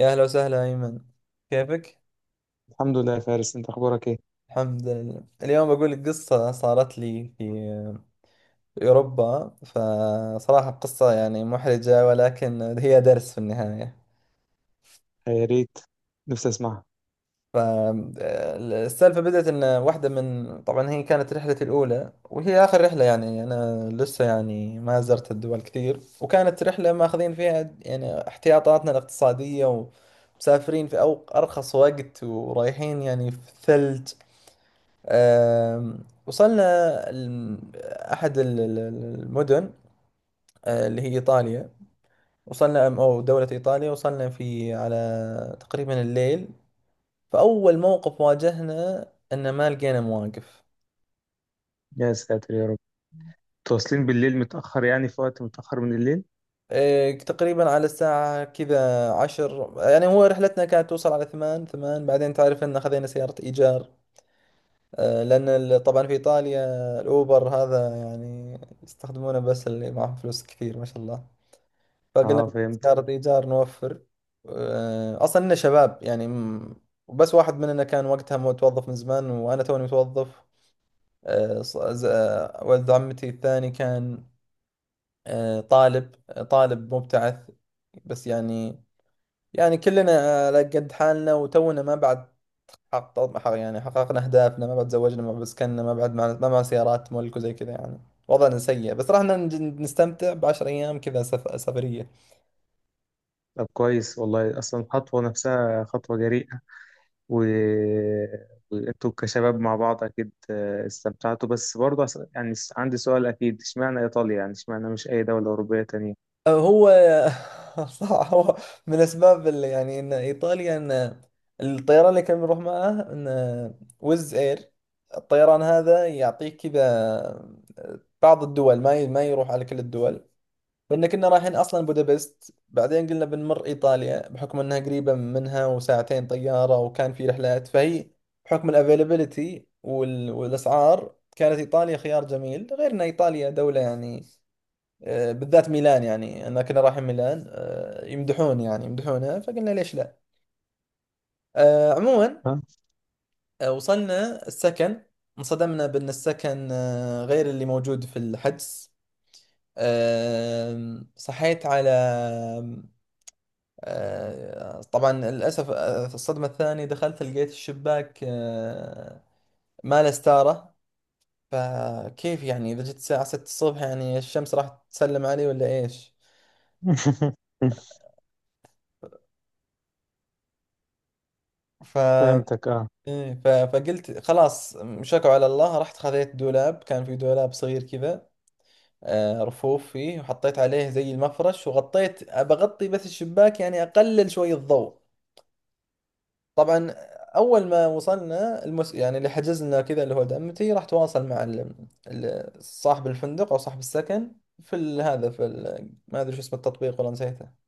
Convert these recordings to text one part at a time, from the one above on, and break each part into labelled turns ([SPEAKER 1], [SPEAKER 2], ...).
[SPEAKER 1] يا أهلا وسهلا أيمن، كيفك؟
[SPEAKER 2] الحمد لله يا فارس، انت اخبارك ايه؟
[SPEAKER 1] الحمد لله، اليوم بقول لك قصة صارت لي في أوروبا. فصراحة قصة يعني محرجة، ولكن هي درس في النهاية.
[SPEAKER 2] يا ريت، نفسي اسمعها.
[SPEAKER 1] فالسالفة بدأت إن واحدة من طبعا هي كانت رحلتي الأولى وهي آخر رحلة. يعني أنا لسه يعني ما زرت الدول كثير، وكانت رحلة ماخذين فيها يعني احتياطاتنا الاقتصادية، ومسافرين في أو أرخص وقت، ورايحين يعني في الثلج. آم، وصلنا الم- أحد المدن، اللي هي إيطاليا. وصلنا أو دولة إيطاليا، وصلنا في على تقريبا الليل. فأول موقف واجهنا أن ما لقينا مواقف.
[SPEAKER 2] يا ساتر يا رب، تواصلين بالليل متاخر؟ يعني في وقت متاخر من الليل.
[SPEAKER 1] تقريبا على الساعة كذا عشر، يعني هو رحلتنا كانت توصل على ثمان، بعدين تعرف أن خذينا سيارة إيجار. لأن طبعا في إيطاليا الأوبر هذا يعني يستخدمونه بس اللي معهم فلوس كثير ما شاء الله. فقلنا
[SPEAKER 2] اه فهمت.
[SPEAKER 1] سيارة إيجار نوفر. أصلا إننا شباب يعني وبس واحد مننا كان وقتها متوظف من زمان، وأنا توني متوظف. ولد عمتي الثاني كان طالب، طالب مبتعث. بس يعني، يعني كلنا على قد حالنا، وتونا ما بعد يعني حققنا أهدافنا، ما بعد تزوجنا، ما بعد سكننا، ما بعد معنا ما معنا سيارات ملك وزي كذا يعني. وضعنا سيء، بس رحنا نستمتع بـ10 أيام كذا سفرية.
[SPEAKER 2] طب كويس والله، اصلا الخطوه نفسها خطوه جريئه و... وانتوا كشباب مع بعض اكيد استمتعتوا، بس برضه عندي سؤال اكيد. اشمعنى ايطاليا؟ يعني اشمعنى مش اي دوله اوروبيه تانية؟
[SPEAKER 1] هو صح. هو من اسباب اللي يعني ان ايطاليا ان الطيران اللي كان بنروح معاه ان ويز اير. الطيران هذا يعطيك كذا، بعض الدول ما يروح على كل الدول. لان كنا رايحين اصلا بودابست، بعدين قلنا بنمر ايطاليا بحكم انها قريبه منها وساعتين طياره، وكان في رحلات. فهي بحكم الافيلابيلتي والاسعار كانت ايطاليا خيار جميل، غير ان ايطاليا دوله يعني بالذات ميلان، يعني انا كنا رايحين ميلان، يمدحون يعني يمدحونها، فقلنا ليش لا. عموما،
[SPEAKER 2] ها؟
[SPEAKER 1] وصلنا السكن. انصدمنا بان السكن غير اللي موجود في الحجز. صحيت على طبعا للاسف، في الصدمه الثانيه دخلت لقيت الشباك ما له ستاره. فكيف يعني اذا جيت الساعه 6 الصبح، يعني الشمس راح تسلم علي ولا ايش؟ ف
[SPEAKER 2] فهمتك اه.
[SPEAKER 1] إيه، فقلت خلاص، شكوا على الله، رحت خذيت دولاب، كان في دولاب صغير كذا، رفوف فيه، وحطيت عليه زي المفرش، وغطيت بغطي بس الشباك، يعني أقلل شوي الضوء. طبعا أول ما وصلنا يعني اللي حجزنا كذا اللي هو دعمتي راح تواصل مع صاحب الفندق أو صاحب السكن في هذا، في ما أدري شو اسم التطبيق والله نسيته.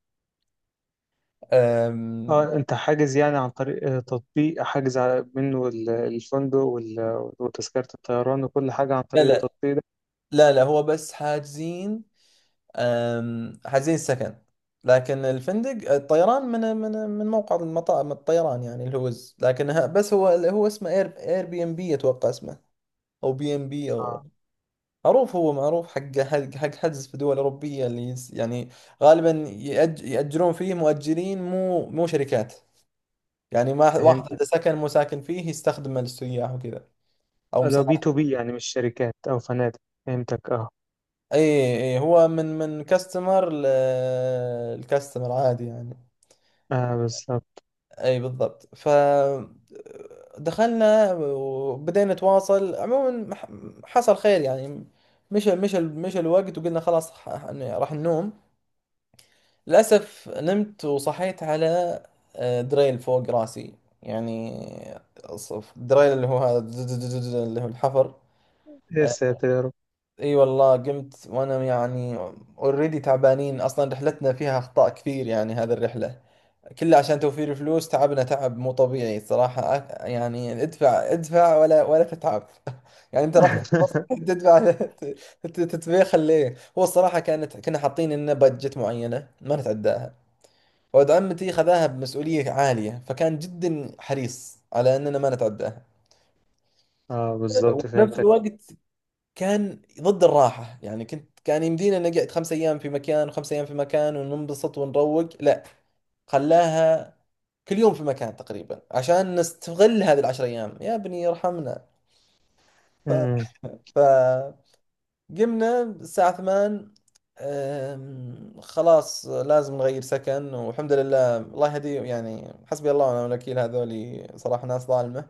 [SPEAKER 1] أم...
[SPEAKER 2] اه انت حاجز يعني عن طريق تطبيق، حاجز الفندق وتذكرة الطيران وكل حاجة عن
[SPEAKER 1] لا
[SPEAKER 2] طريق
[SPEAKER 1] لا،
[SPEAKER 2] التطبيق ده؟
[SPEAKER 1] لا لا، هو بس حاجزين. حجزين السكن، لكن الفندق، الطيران، من موقع المطار، من الطيران يعني الهوز. لكن بس هو اسمه اير اير بي ام بي اتوقع اسمه او بي ام بي او.
[SPEAKER 2] اه
[SPEAKER 1] معروف، هو معروف، حق حجز في دول اوروبيه، اللي يعني غالبا ياجرون فيه، مؤجرين مو شركات. يعني ما واحد
[SPEAKER 2] فهمتك.
[SPEAKER 1] عنده سكن مو ساكن فيه يستخدمه للسياح وكذا، او
[SPEAKER 2] لو
[SPEAKER 1] مساعد.
[SPEAKER 2] بي تو بي يعني مش شركات او فنادق. فهمتك اه.
[SPEAKER 1] اي، اي، هو من كاستمر لكاستمر عادي يعني.
[SPEAKER 2] اه بالظبط.
[SPEAKER 1] اي بالضبط. ف دخلنا وبدينا نتواصل. عموما حصل خير يعني. مشى الوقت، وقلنا خلاص، إني راح ننوم. للأسف نمت وصحيت على دريل فوق راسي. يعني دريل اللي هو هذا اللي هو الحفر.
[SPEAKER 2] يا
[SPEAKER 1] آه،
[SPEAKER 2] ساتر يا رب.
[SPEAKER 1] اي والله قمت وانا يعني اوريدي تعبانين. اصلا رحلتنا فيها اخطاء كثير، يعني هذه الرحلة كله عشان توفير فلوس، تعبنا تعب مو طبيعي صراحة. يعني ادفع ادفع ولا ولا تتعب يعني انت راح تدفع، تتبيخل ليه؟ هو الصراحة كانت، كنا حاطين لنا بادجت معينة ما نتعداها. ولد عمتي خذاها بمسؤولية عالية، فكان جدا حريص على اننا ما نتعداها.
[SPEAKER 2] اه بالظبط
[SPEAKER 1] وفي نفس
[SPEAKER 2] فهمتك.
[SPEAKER 1] الوقت كان ضد الراحة. يعني كنت كان يمدينا نقعد 5 ايام في مكان وخمس ايام في مكان وننبسط ونروق، لا، خلاها كل يوم في مكان تقريبا عشان نستغل هذه الـ10 أيام. يا ابني ارحمنا! ف...
[SPEAKER 2] امم.
[SPEAKER 1] ف... قمنا الساعة 8. خلاص لازم نغير سكن. والحمد لله، الله يهديهم، يعني حسبي الله ونعم الوكيل، هذولي صراحة ناس ظالمة.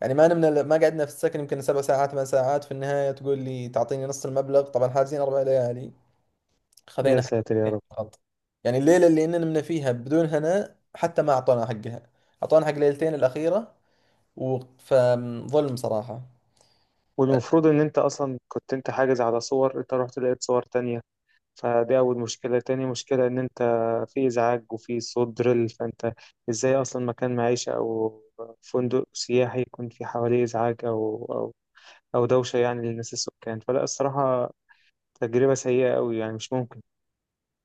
[SPEAKER 1] يعني ما نمنا، ما قعدنا في السكن يمكن 7 ساعات، 8 ساعات، في النهاية تقول لي تعطيني نص المبلغ. طبعا حاجزين 4 ليالي،
[SPEAKER 2] يا
[SPEAKER 1] خذينا
[SPEAKER 2] ساتر يا
[SPEAKER 1] حقنا
[SPEAKER 2] رب.
[SPEAKER 1] فقط. يعني الليلة اللي إننا نمنا فيها بدون هنا حتى ما أعطونا حقها. أعطونا حق ليلتين الأخيرة. فظلم صراحة.
[SPEAKER 2] والمفروض ان انت اصلا كنت انت حاجز على صور، انت رحت لقيت صور تانية. فدي أول مشكلة. تاني مشكلة إن أنت في إزعاج وفي صوت دريل، فأنت إزاي أصلا مكان معيشة أو فندق سياحي يكون في حواليه إزعاج أو أو دوشة يعني للناس السكان؟ فلا الصراحة تجربة سيئة أوي، يعني مش ممكن.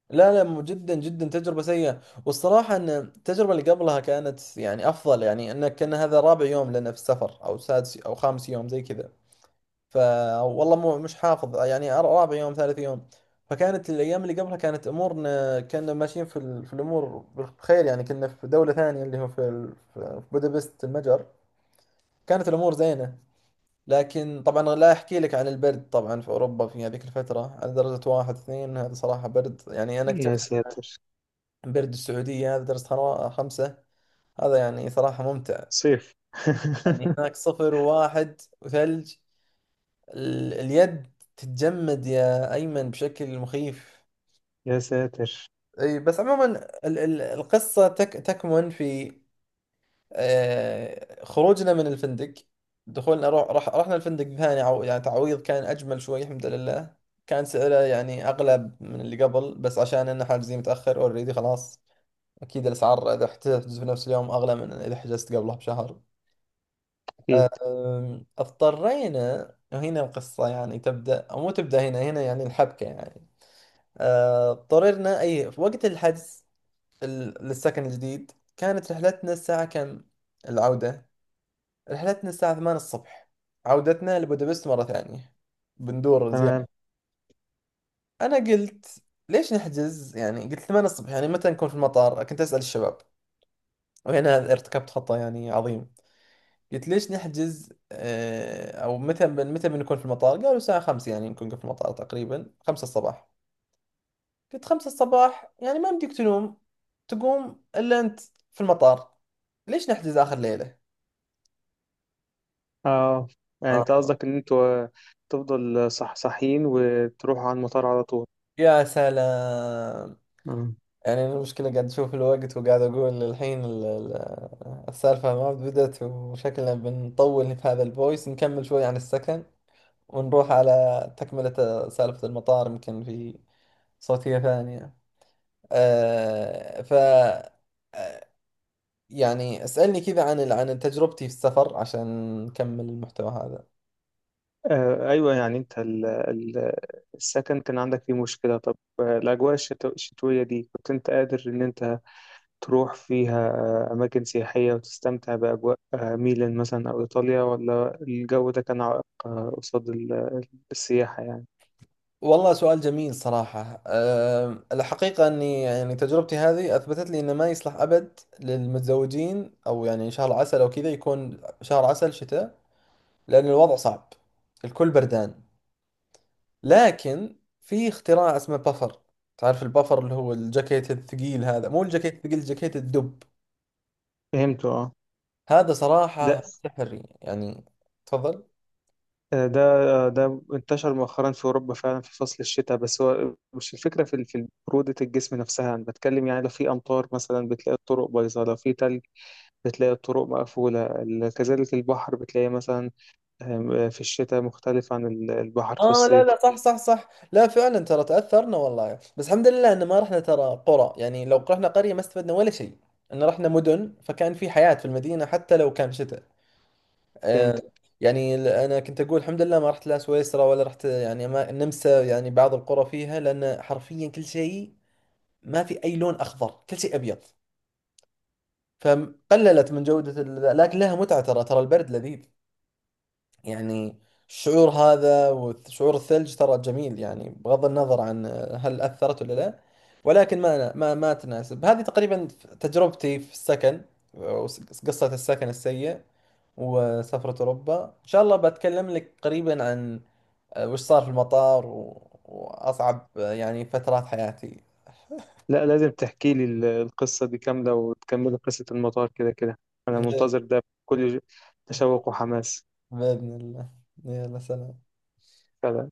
[SPEAKER 1] لا لا، جدا جدا تجربة سيئة. والصراحة أن التجربة اللي قبلها كانت يعني أفضل، يعني أنك كان هذا رابع يوم لنا في السفر، أو سادس أو خامس يوم زي كذا. فوالله مو مش حافظ يعني، رابع يوم، ثالث يوم. فكانت الأيام اللي قبلها كانت أمورنا، كنا ماشيين في، في الأمور بخير. يعني كنا في دولة ثانية، اللي هو في، في بودابست المجر. كانت الأمور زينة. لكن طبعا لا أحكي لك عن البرد، طبعا في أوروبا في هذيك الفترة على درجة 1، 2، هذا صراحة برد. يعني أنا
[SPEAKER 2] يا
[SPEAKER 1] اكتشفت
[SPEAKER 2] ساتر.
[SPEAKER 1] إن برد السعودية هذا درجة حرارة 5، هذا يعني صراحة ممتع.
[SPEAKER 2] صيف.
[SPEAKER 1] يعني هناك صفر وواحد وثلج. اليد تتجمد يا أيمن بشكل مخيف.
[SPEAKER 2] يا ساتر.
[SPEAKER 1] أي، بس عموما القصة تكمن في خروجنا من الفندق. دخولنا، روح رح رحنا الفندق ثاني. يعني تعويض كان أجمل شوي الحمد لله. كان سعره يعني أغلى من اللي قبل، بس عشان إنه حاجزين متأخر أوريدي خلاص. أكيد الأسعار إذا احتجز في نفس اليوم أغلى من إذا حجزت قبلها بشهر.
[SPEAKER 2] أكيد.
[SPEAKER 1] اضطرينا. وهنا القصة يعني تبدأ، أو مو تبدأ هنا، هنا يعني الحبكة يعني. اضطررنا أي في وقت الحجز للسكن الجديد. كانت رحلتنا الساعة كم؟ العودة رحلتنا الساعة 8 الصبح، عودتنا لبودابست مرة ثانية بندور
[SPEAKER 2] تمام.
[SPEAKER 1] زيادة. أنا قلت ليش نحجز؟ يعني قلت 8 الصبح، يعني متى نكون في المطار؟ كنت أسأل الشباب. وهنا ارتكبت خطأ يعني عظيم. قلت ليش نحجز أو متى متى بنكون في المطار؟ قالوا الساعة 5، يعني نكون في المطار تقريبا 5 الصباح. قلت 5 الصباح يعني ما يمديك تنوم، تقوم إلا أنت في المطار. ليش نحجز آخر ليلة؟
[SPEAKER 2] أه يعني أنت
[SPEAKER 1] آه.
[SPEAKER 2] قصدك إن أنتوا تفضل صح، صحيين وتروحوا على المطار على
[SPEAKER 1] يا سلام.
[SPEAKER 2] طول.
[SPEAKER 1] يعني أنا المشكلة قاعد أشوف الوقت وقاعد أقول الحين السالفة ما بدأت، وشكلنا بنطول في هذا الفويس. نكمل شوي عن السكن ونروح على تكملة سالفة المطار، يمكن في صوتية ثانية. آه ف آه، يعني اسألني كذا عن عن تجربتي في السفر عشان نكمل المحتوى هذا.
[SPEAKER 2] أيوة، يعني أنت السكن كان عندك فيه مشكلة. طب الأجواء الشتوية دي كنت أنت قادر إن أنت تروح فيها أماكن سياحية وتستمتع بأجواء ميلان مثلا أو إيطاليا، ولا الجو ده كان عائق قصاد السياحة يعني؟
[SPEAKER 1] والله سؤال جميل صراحة. الحقيقة أني يعني تجربتي هذه أثبتت لي أنه ما يصلح أبد للمتزوجين، أو يعني شهر عسل أو كذا، يكون شهر عسل شتاء. لأن الوضع صعب، الكل بردان. لكن في اختراع اسمه بفر. تعرف البفر؟ اللي هو الجاكيت الثقيل هذا، مو الجاكيت الثقيل، الجاكيت الدب.
[SPEAKER 2] فهمته اه.
[SPEAKER 1] هذا آه.
[SPEAKER 2] ده
[SPEAKER 1] صراحة سحري يعني. تفضل.
[SPEAKER 2] ده ده انتشر مؤخرا في أوروبا فعلا في فصل الشتاء، بس هو مش الفكرة في في برودة الجسم نفسها. أنا بتكلم يعني لو في أمطار مثلا، بتلاقي الطرق بايظة. لو في تلج بتلاقي الطرق مقفولة. كذلك البحر، بتلاقي مثلا في الشتاء مختلف عن البحر في
[SPEAKER 1] اه، لا
[SPEAKER 2] الصيف.
[SPEAKER 1] لا، صح صح صح. لا، فعلا ترى تأثرنا والله. بس الحمد لله ان ما رحنا ترى قرى، يعني لو رحنا قرية ما استفدنا ولا شيء. ان رحنا مدن فكان في حياة في المدينة حتى لو كان شتاء.
[SPEAKER 2] فهمت.
[SPEAKER 1] آه. يعني انا كنت اقول الحمد لله ما رحت لا سويسرا ولا رحت يعني ما النمسا، يعني بعض القرى فيها لان حرفيا كل شيء، ما في اي لون اخضر، كل شيء ابيض. فقللت من جودة لكن لها متعة. ترى، ترى البرد لذيذ، يعني الشعور هذا وشعور الثلج ترى جميل يعني. بغض النظر عن هل أثرت ولا لا، ولكن ما ما تناسب. هذه تقريبا تجربتي في السكن، قصة السكن السيء. وسفرة أوروبا إن شاء الله بتكلم لك قريبا عن وش صار في المطار وأصعب يعني فترات حياتي.
[SPEAKER 2] لا لازم تحكي لي القصة دي كاملة وتكمل قصة المطار، كده كده أنا
[SPEAKER 1] بإذن
[SPEAKER 2] منتظر ده بكل تشوق وحماس.
[SPEAKER 1] بإذن الله. يلا سلام.
[SPEAKER 2] فعلا.